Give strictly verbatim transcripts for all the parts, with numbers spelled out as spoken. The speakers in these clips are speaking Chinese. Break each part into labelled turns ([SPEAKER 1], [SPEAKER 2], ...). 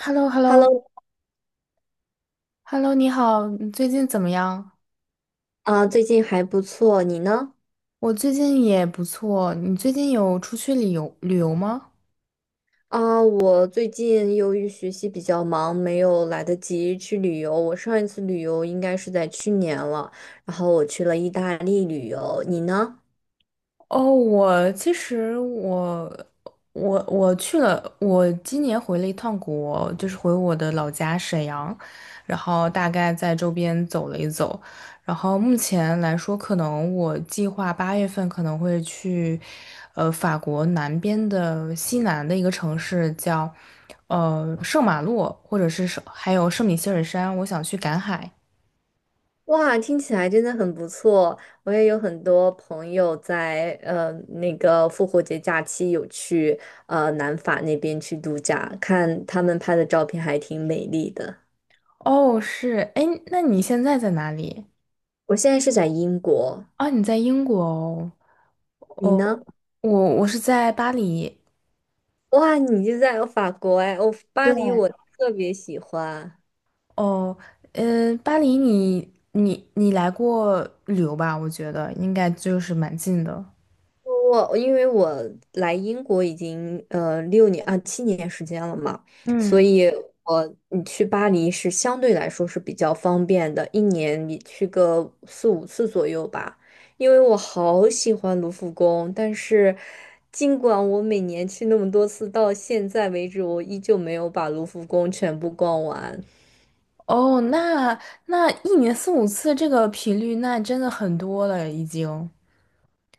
[SPEAKER 1] h e l l o， h e l l o，
[SPEAKER 2] Hello，
[SPEAKER 1] h e l l o。 你好，你最近怎么样？
[SPEAKER 2] 啊，最近还不错，你呢？
[SPEAKER 1] 我最近也不错，你最近有出去旅游旅游吗？
[SPEAKER 2] 啊，我最近由于学习比较忙，没有来得及去旅游。我上一次旅游应该是在去年了，然后我去了意大利旅游。你呢？
[SPEAKER 1] 哦，我其实我我我去了，我今年回了一趟国，就是回我的老家沈阳，然后大概在周边走了一走，然后目前来说，可能我计划八月份可能会去，呃，法国南边的西南的一个城市叫，呃，圣马洛，或者是圣还有圣米歇尔山，我想去赶海。
[SPEAKER 2] 哇，听起来真的很不错。我也有很多朋友在呃那个复活节假期有去呃南法那边去度假，看他们拍的照片还挺美丽的。
[SPEAKER 1] 哦，是，哎，那你现在在哪里？
[SPEAKER 2] 我现在是在英国，
[SPEAKER 1] 啊，你在英国哦。
[SPEAKER 2] 你
[SPEAKER 1] 哦，
[SPEAKER 2] 呢？
[SPEAKER 1] 我我是在巴黎。
[SPEAKER 2] 哇，你就在法国哎，我巴
[SPEAKER 1] 对，
[SPEAKER 2] 黎我特别喜欢。
[SPEAKER 1] 哦，嗯，巴黎你你你来过旅游吧？我觉得应该就是蛮近的。
[SPEAKER 2] 我因为我来英国已经呃六年啊七年时间了嘛，所
[SPEAKER 1] 嗯，
[SPEAKER 2] 以我你去巴黎是相对来说是比较方便的，一年你去个四五次左右吧。因为我好喜欢卢浮宫，但是尽管我每年去那么多次，到现在为止我依旧没有把卢浮宫全部逛完。
[SPEAKER 1] 哦，那那一年四五次这个频率，那真的很多了已经。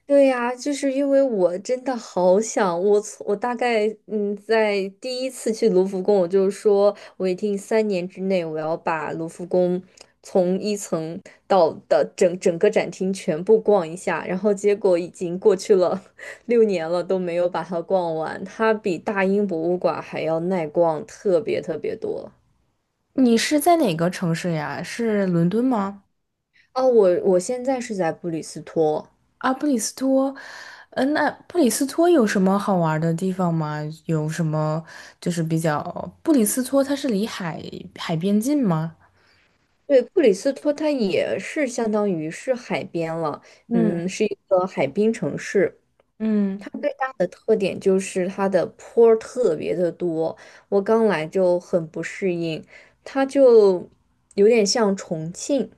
[SPEAKER 2] 对呀，就是因为我真的好想，我从我大概嗯，在第一次去卢浮宫，我就说我一定三年之内我要把卢浮宫从一层到的整整个展厅全部逛一下，然后结果已经过去了 六年了都没有把它逛完，它比大英博物馆还要耐逛特别特别多。
[SPEAKER 1] 你是在哪个城市呀？是伦敦吗？
[SPEAKER 2] 哦，我我现在是在布里斯托，
[SPEAKER 1] 啊，布里斯托。嗯，那布里斯托有什么好玩的地方吗？有什么就是比较，布里斯托它是离海海边近吗？
[SPEAKER 2] 对，布里斯托它也是相当于是海边了，
[SPEAKER 1] 嗯。
[SPEAKER 2] 嗯，是一个海滨城市。
[SPEAKER 1] 嗯，
[SPEAKER 2] 它最大的特点就是它的坡儿特别的多，我刚来就很不适应，它就有点像重庆，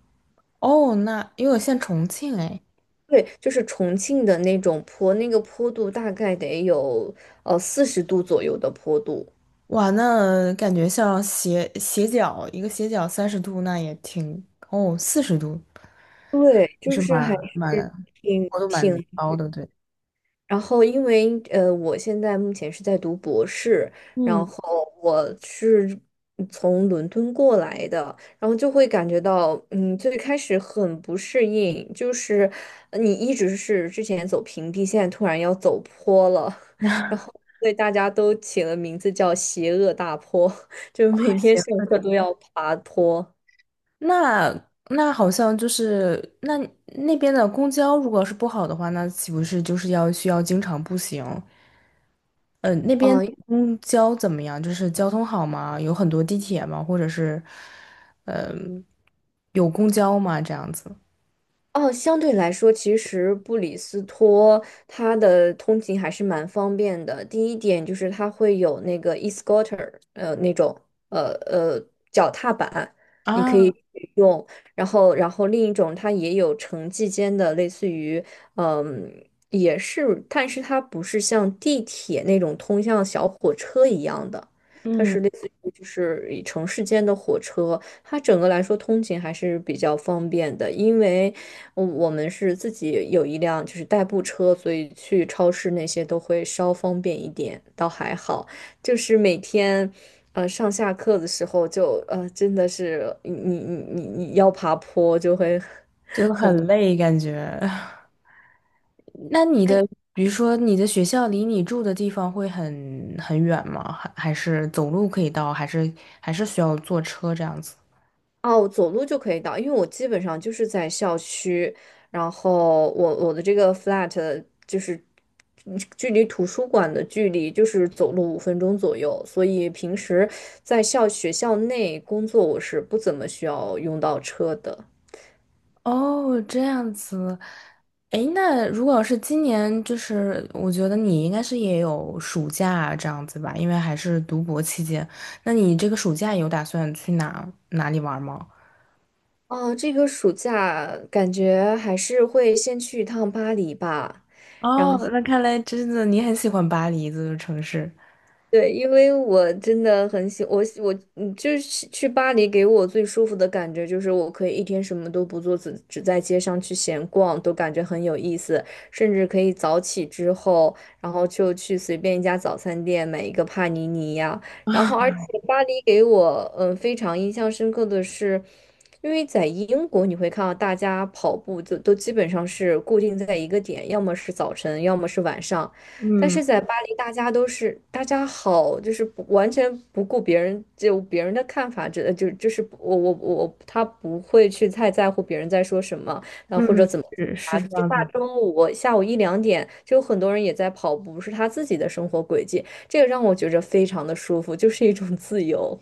[SPEAKER 1] 哦，那因为我现在重庆哎，
[SPEAKER 2] 对，就是重庆的那种坡，那个坡度大概得有呃四十度左右的坡度，
[SPEAKER 1] 哇，那感觉像斜斜角一个斜角三十度，那也挺哦四十度，
[SPEAKER 2] 对，就
[SPEAKER 1] 是
[SPEAKER 2] 是还
[SPEAKER 1] 蛮
[SPEAKER 2] 是
[SPEAKER 1] 蛮
[SPEAKER 2] 挺
[SPEAKER 1] 高度蛮
[SPEAKER 2] 挺。
[SPEAKER 1] 高的，对，
[SPEAKER 2] 然后，因为呃，我现在目前是在读博士，
[SPEAKER 1] 嗯，
[SPEAKER 2] 然后我是从伦敦过来的，然后就会感觉到，嗯，最开始很不适应，就是呃你一直是之前走平地，现在突然要走坡了，然后对大家都起了名字叫“邪恶大坡”，就每天上
[SPEAKER 1] 行，
[SPEAKER 2] 课都要爬坡。
[SPEAKER 1] 那那好像就是那那边的公交如果是不好的话，那岂不是就是要需要经常步行？呃，那边
[SPEAKER 2] 嗯，
[SPEAKER 1] 公交怎么样？就是交通好吗？有很多地铁吗？或者是，嗯、有公交吗？这样子
[SPEAKER 2] 哦，相对来说，其实布里斯托它的通勤还是蛮方便的。第一点就是它会有那个 e-scooter，呃，那种呃呃脚踏板，你可
[SPEAKER 1] 啊，
[SPEAKER 2] 以用。然后，然后另一种它也有城际间的，类似于嗯，也是，但是它不是像地铁那种通向小火车一样的，它
[SPEAKER 1] 嗯，
[SPEAKER 2] 是类似于就是以城市间的火车。它整个来说通勤还是比较方便的，因为我我们是自己有一辆就是代步车，所以去超市那些都会稍方便一点，倒还好。就是每天，呃，上下课的时候就呃，真的是你你你你你要爬坡就会
[SPEAKER 1] 就很累感觉。那你的，比如说你的学校离你住的地方会很很远吗？还还是走路可以到？还是还是需要坐车这样子？
[SPEAKER 2] 哦，走路就可以到，因为我基本上就是在校区，然后我我的这个 flat 就是嗯距离图书馆的距离就是走路五分钟左右，所以平时在校学校内工作我是不怎么需要用到车的。
[SPEAKER 1] 哦，这样子，诶，那如果是今年，就是我觉得你应该是也有暑假啊这样子吧，因为还是读博期间。那你这个暑假有打算去哪哪里玩吗？
[SPEAKER 2] 哦，这个暑假感觉还是会先去一趟巴黎吧。
[SPEAKER 1] 哦，那看来真的你很喜欢巴黎这个城市。
[SPEAKER 2] 对，因为我真的很喜我喜我嗯，就是去巴黎给我最舒服的感觉就是我可以一天什么都不做，只只在街上去闲逛，都感觉很有意思。甚至可以早起之后，然后就去随便一家早餐店买一个帕尼尼呀。然后，而且巴黎给我嗯非常印象深刻的是，因为在英国你会看到大家跑步就都基本上是固定在一个点，要么是早晨，要么是晚上。但
[SPEAKER 1] 嗯
[SPEAKER 2] 是在巴黎，大家都是大家好，就是不完全不顾别人就别人的看法，这就就是不我我我他不会去太在乎别人在说什么，然后或者
[SPEAKER 1] 嗯，
[SPEAKER 2] 怎么
[SPEAKER 1] 是
[SPEAKER 2] 啊？
[SPEAKER 1] 是这
[SPEAKER 2] 就
[SPEAKER 1] 样
[SPEAKER 2] 大
[SPEAKER 1] 子。
[SPEAKER 2] 中午我下午一两点，就有很多人也在跑步，是他自己的生活轨迹，这个让我觉着非常的舒服，就是一种自由。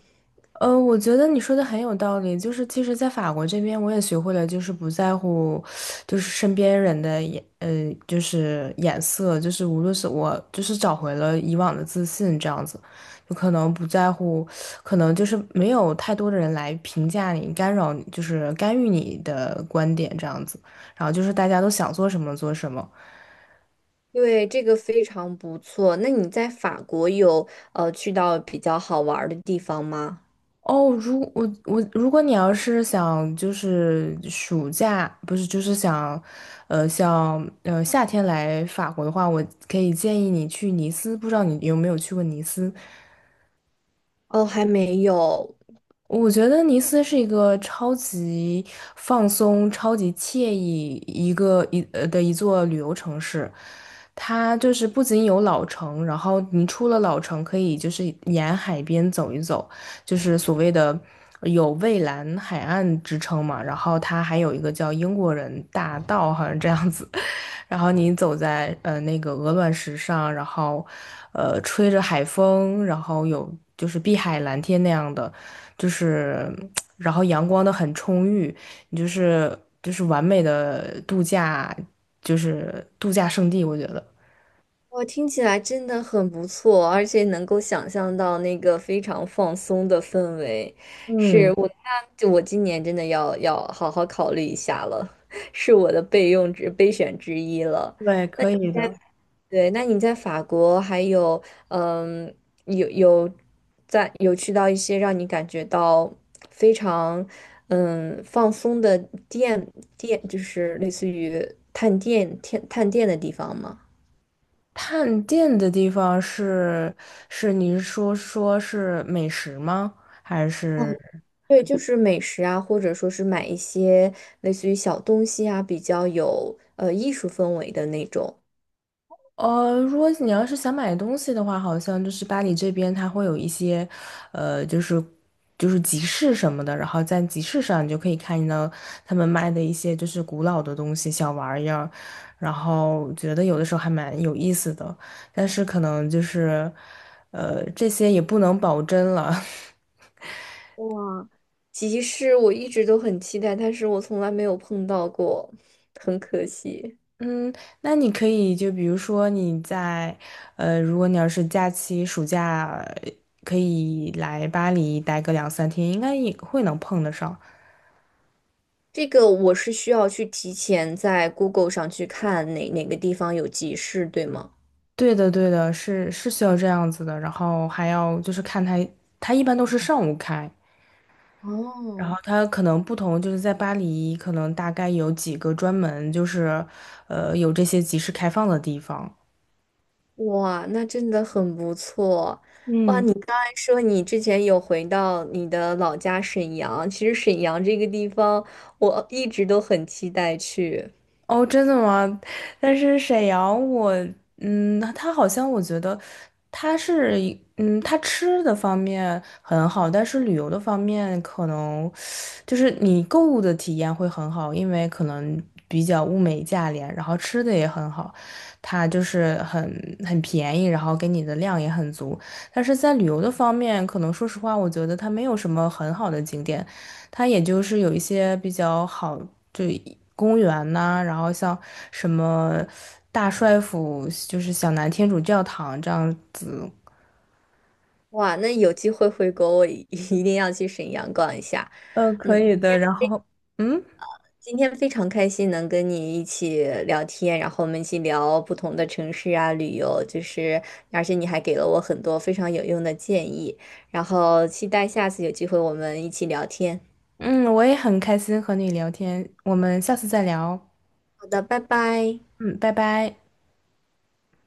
[SPEAKER 1] 呃，我觉得你说的很有道理。就是其实，在法国这边，我也学会了，就是不在乎，就是身边人的眼，呃，就是眼色，就是无论是我，就是找回了以往的自信，这样子，就可能不在乎，可能就是没有太多的人来评价你、干扰你，就是干预你的观点这样子。然后就是大家都想做什么做什么。
[SPEAKER 2] 对，这个非常不错。那你在法国有呃去到比较好玩儿的地方吗？
[SPEAKER 1] 哦，如我我，如果你要是想就是暑假，不是就是想，呃，像呃夏天来法国的话，我可以建议你去尼斯，不知道你有没有去过尼斯？
[SPEAKER 2] 哦，还没有。
[SPEAKER 1] 我觉得尼斯是一个超级放松、超级惬意一个一呃的一座旅游城市。它就是不仅有老城，然后你出了老城，可以就是沿海边走一走，就是所谓的有蔚蓝海岸之称嘛。然后它还有一个叫英国人大道，好像这样子。然后你走在呃那个鹅卵石上，然后呃吹着海风，然后有就是碧海蓝天那样的，就是然后阳光的很充裕，你就是就是完美的度假，就是度假胜地，我觉得。
[SPEAKER 2] 我听起来真的很不错，而且能够想象到那个非常放松的氛围，是
[SPEAKER 1] 嗯，
[SPEAKER 2] 我那就我今年真的要要好好考虑一下了，是我的备用之备选之一了。
[SPEAKER 1] 对，可以的。
[SPEAKER 2] 对，那你在法国还有嗯有有在有去到一些让你感觉到非常嗯放松的店店，就是类似于探店探探店的地方吗？
[SPEAKER 1] 探店的地方是是你是说说是美食吗？还是？
[SPEAKER 2] 对，就是美食啊，或者说是买一些类似于小东西啊，比较有呃艺术氛围的那种
[SPEAKER 1] 呃，如果你要是想买东西的话，好像就是巴黎这边它会有一些，呃，就是就是集市什么的，然后在集市上你就可以看到他们卖的一些就是古老的东西、小玩意儿，然后觉得有的时候还蛮有意思的，但是可能就是，呃，这些也不能保真了。
[SPEAKER 2] 哇，集市，我一直都很期待，但是我从来没有碰到过，很可惜。
[SPEAKER 1] 嗯，那你可以就比如说你在，呃，如果你要是假期暑假呃可以来巴黎待个两三天，应该也会能碰得上。
[SPEAKER 2] 这个我是需要去提前在 Google 上去看哪哪个地方有集市，对吗？
[SPEAKER 1] 对的，对的，是是需要这样子的。然后还要就是看它，它一般都是上午开，然后
[SPEAKER 2] 哦。
[SPEAKER 1] 它可能不同，就是在巴黎可能大概有几个专门就是，呃，有这些集市开放的地方。
[SPEAKER 2] 哇，那真的很不错。哇，
[SPEAKER 1] 嗯。
[SPEAKER 2] 你刚才说你之前有回到你的老家沈阳，其实沈阳这个地方我一直都很期待去。
[SPEAKER 1] 哦，真的吗？但是沈阳我，嗯，他好像我觉得他是一嗯，他吃的方面很好，但是旅游的方面可能就是你购物的体验会很好，因为可能比较物美价廉，然后吃的也很好，它就是很很便宜，然后给你的量也很足。但是在旅游的方面，可能说实话，我觉得它没有什么很好的景点，它也就是有一些比较好，就公园呐、然后像什么大帅府，就是小南天主教堂这样子，
[SPEAKER 2] 哇，那有机会回国，我一 一定要去沈阳逛一下。
[SPEAKER 1] 嗯，可
[SPEAKER 2] 嗯，
[SPEAKER 1] 以的。然后，嗯。
[SPEAKER 2] 今天非常开心能跟你一起聊天，然后我们一起聊不同的城市啊、旅游，就是而且你还给了我很多非常有用的建议，然后期待下次有机会我们一起聊天。
[SPEAKER 1] 嗯，我也很开心和你聊天，我们下次再聊。
[SPEAKER 2] 好的，拜拜。
[SPEAKER 1] 嗯，拜拜。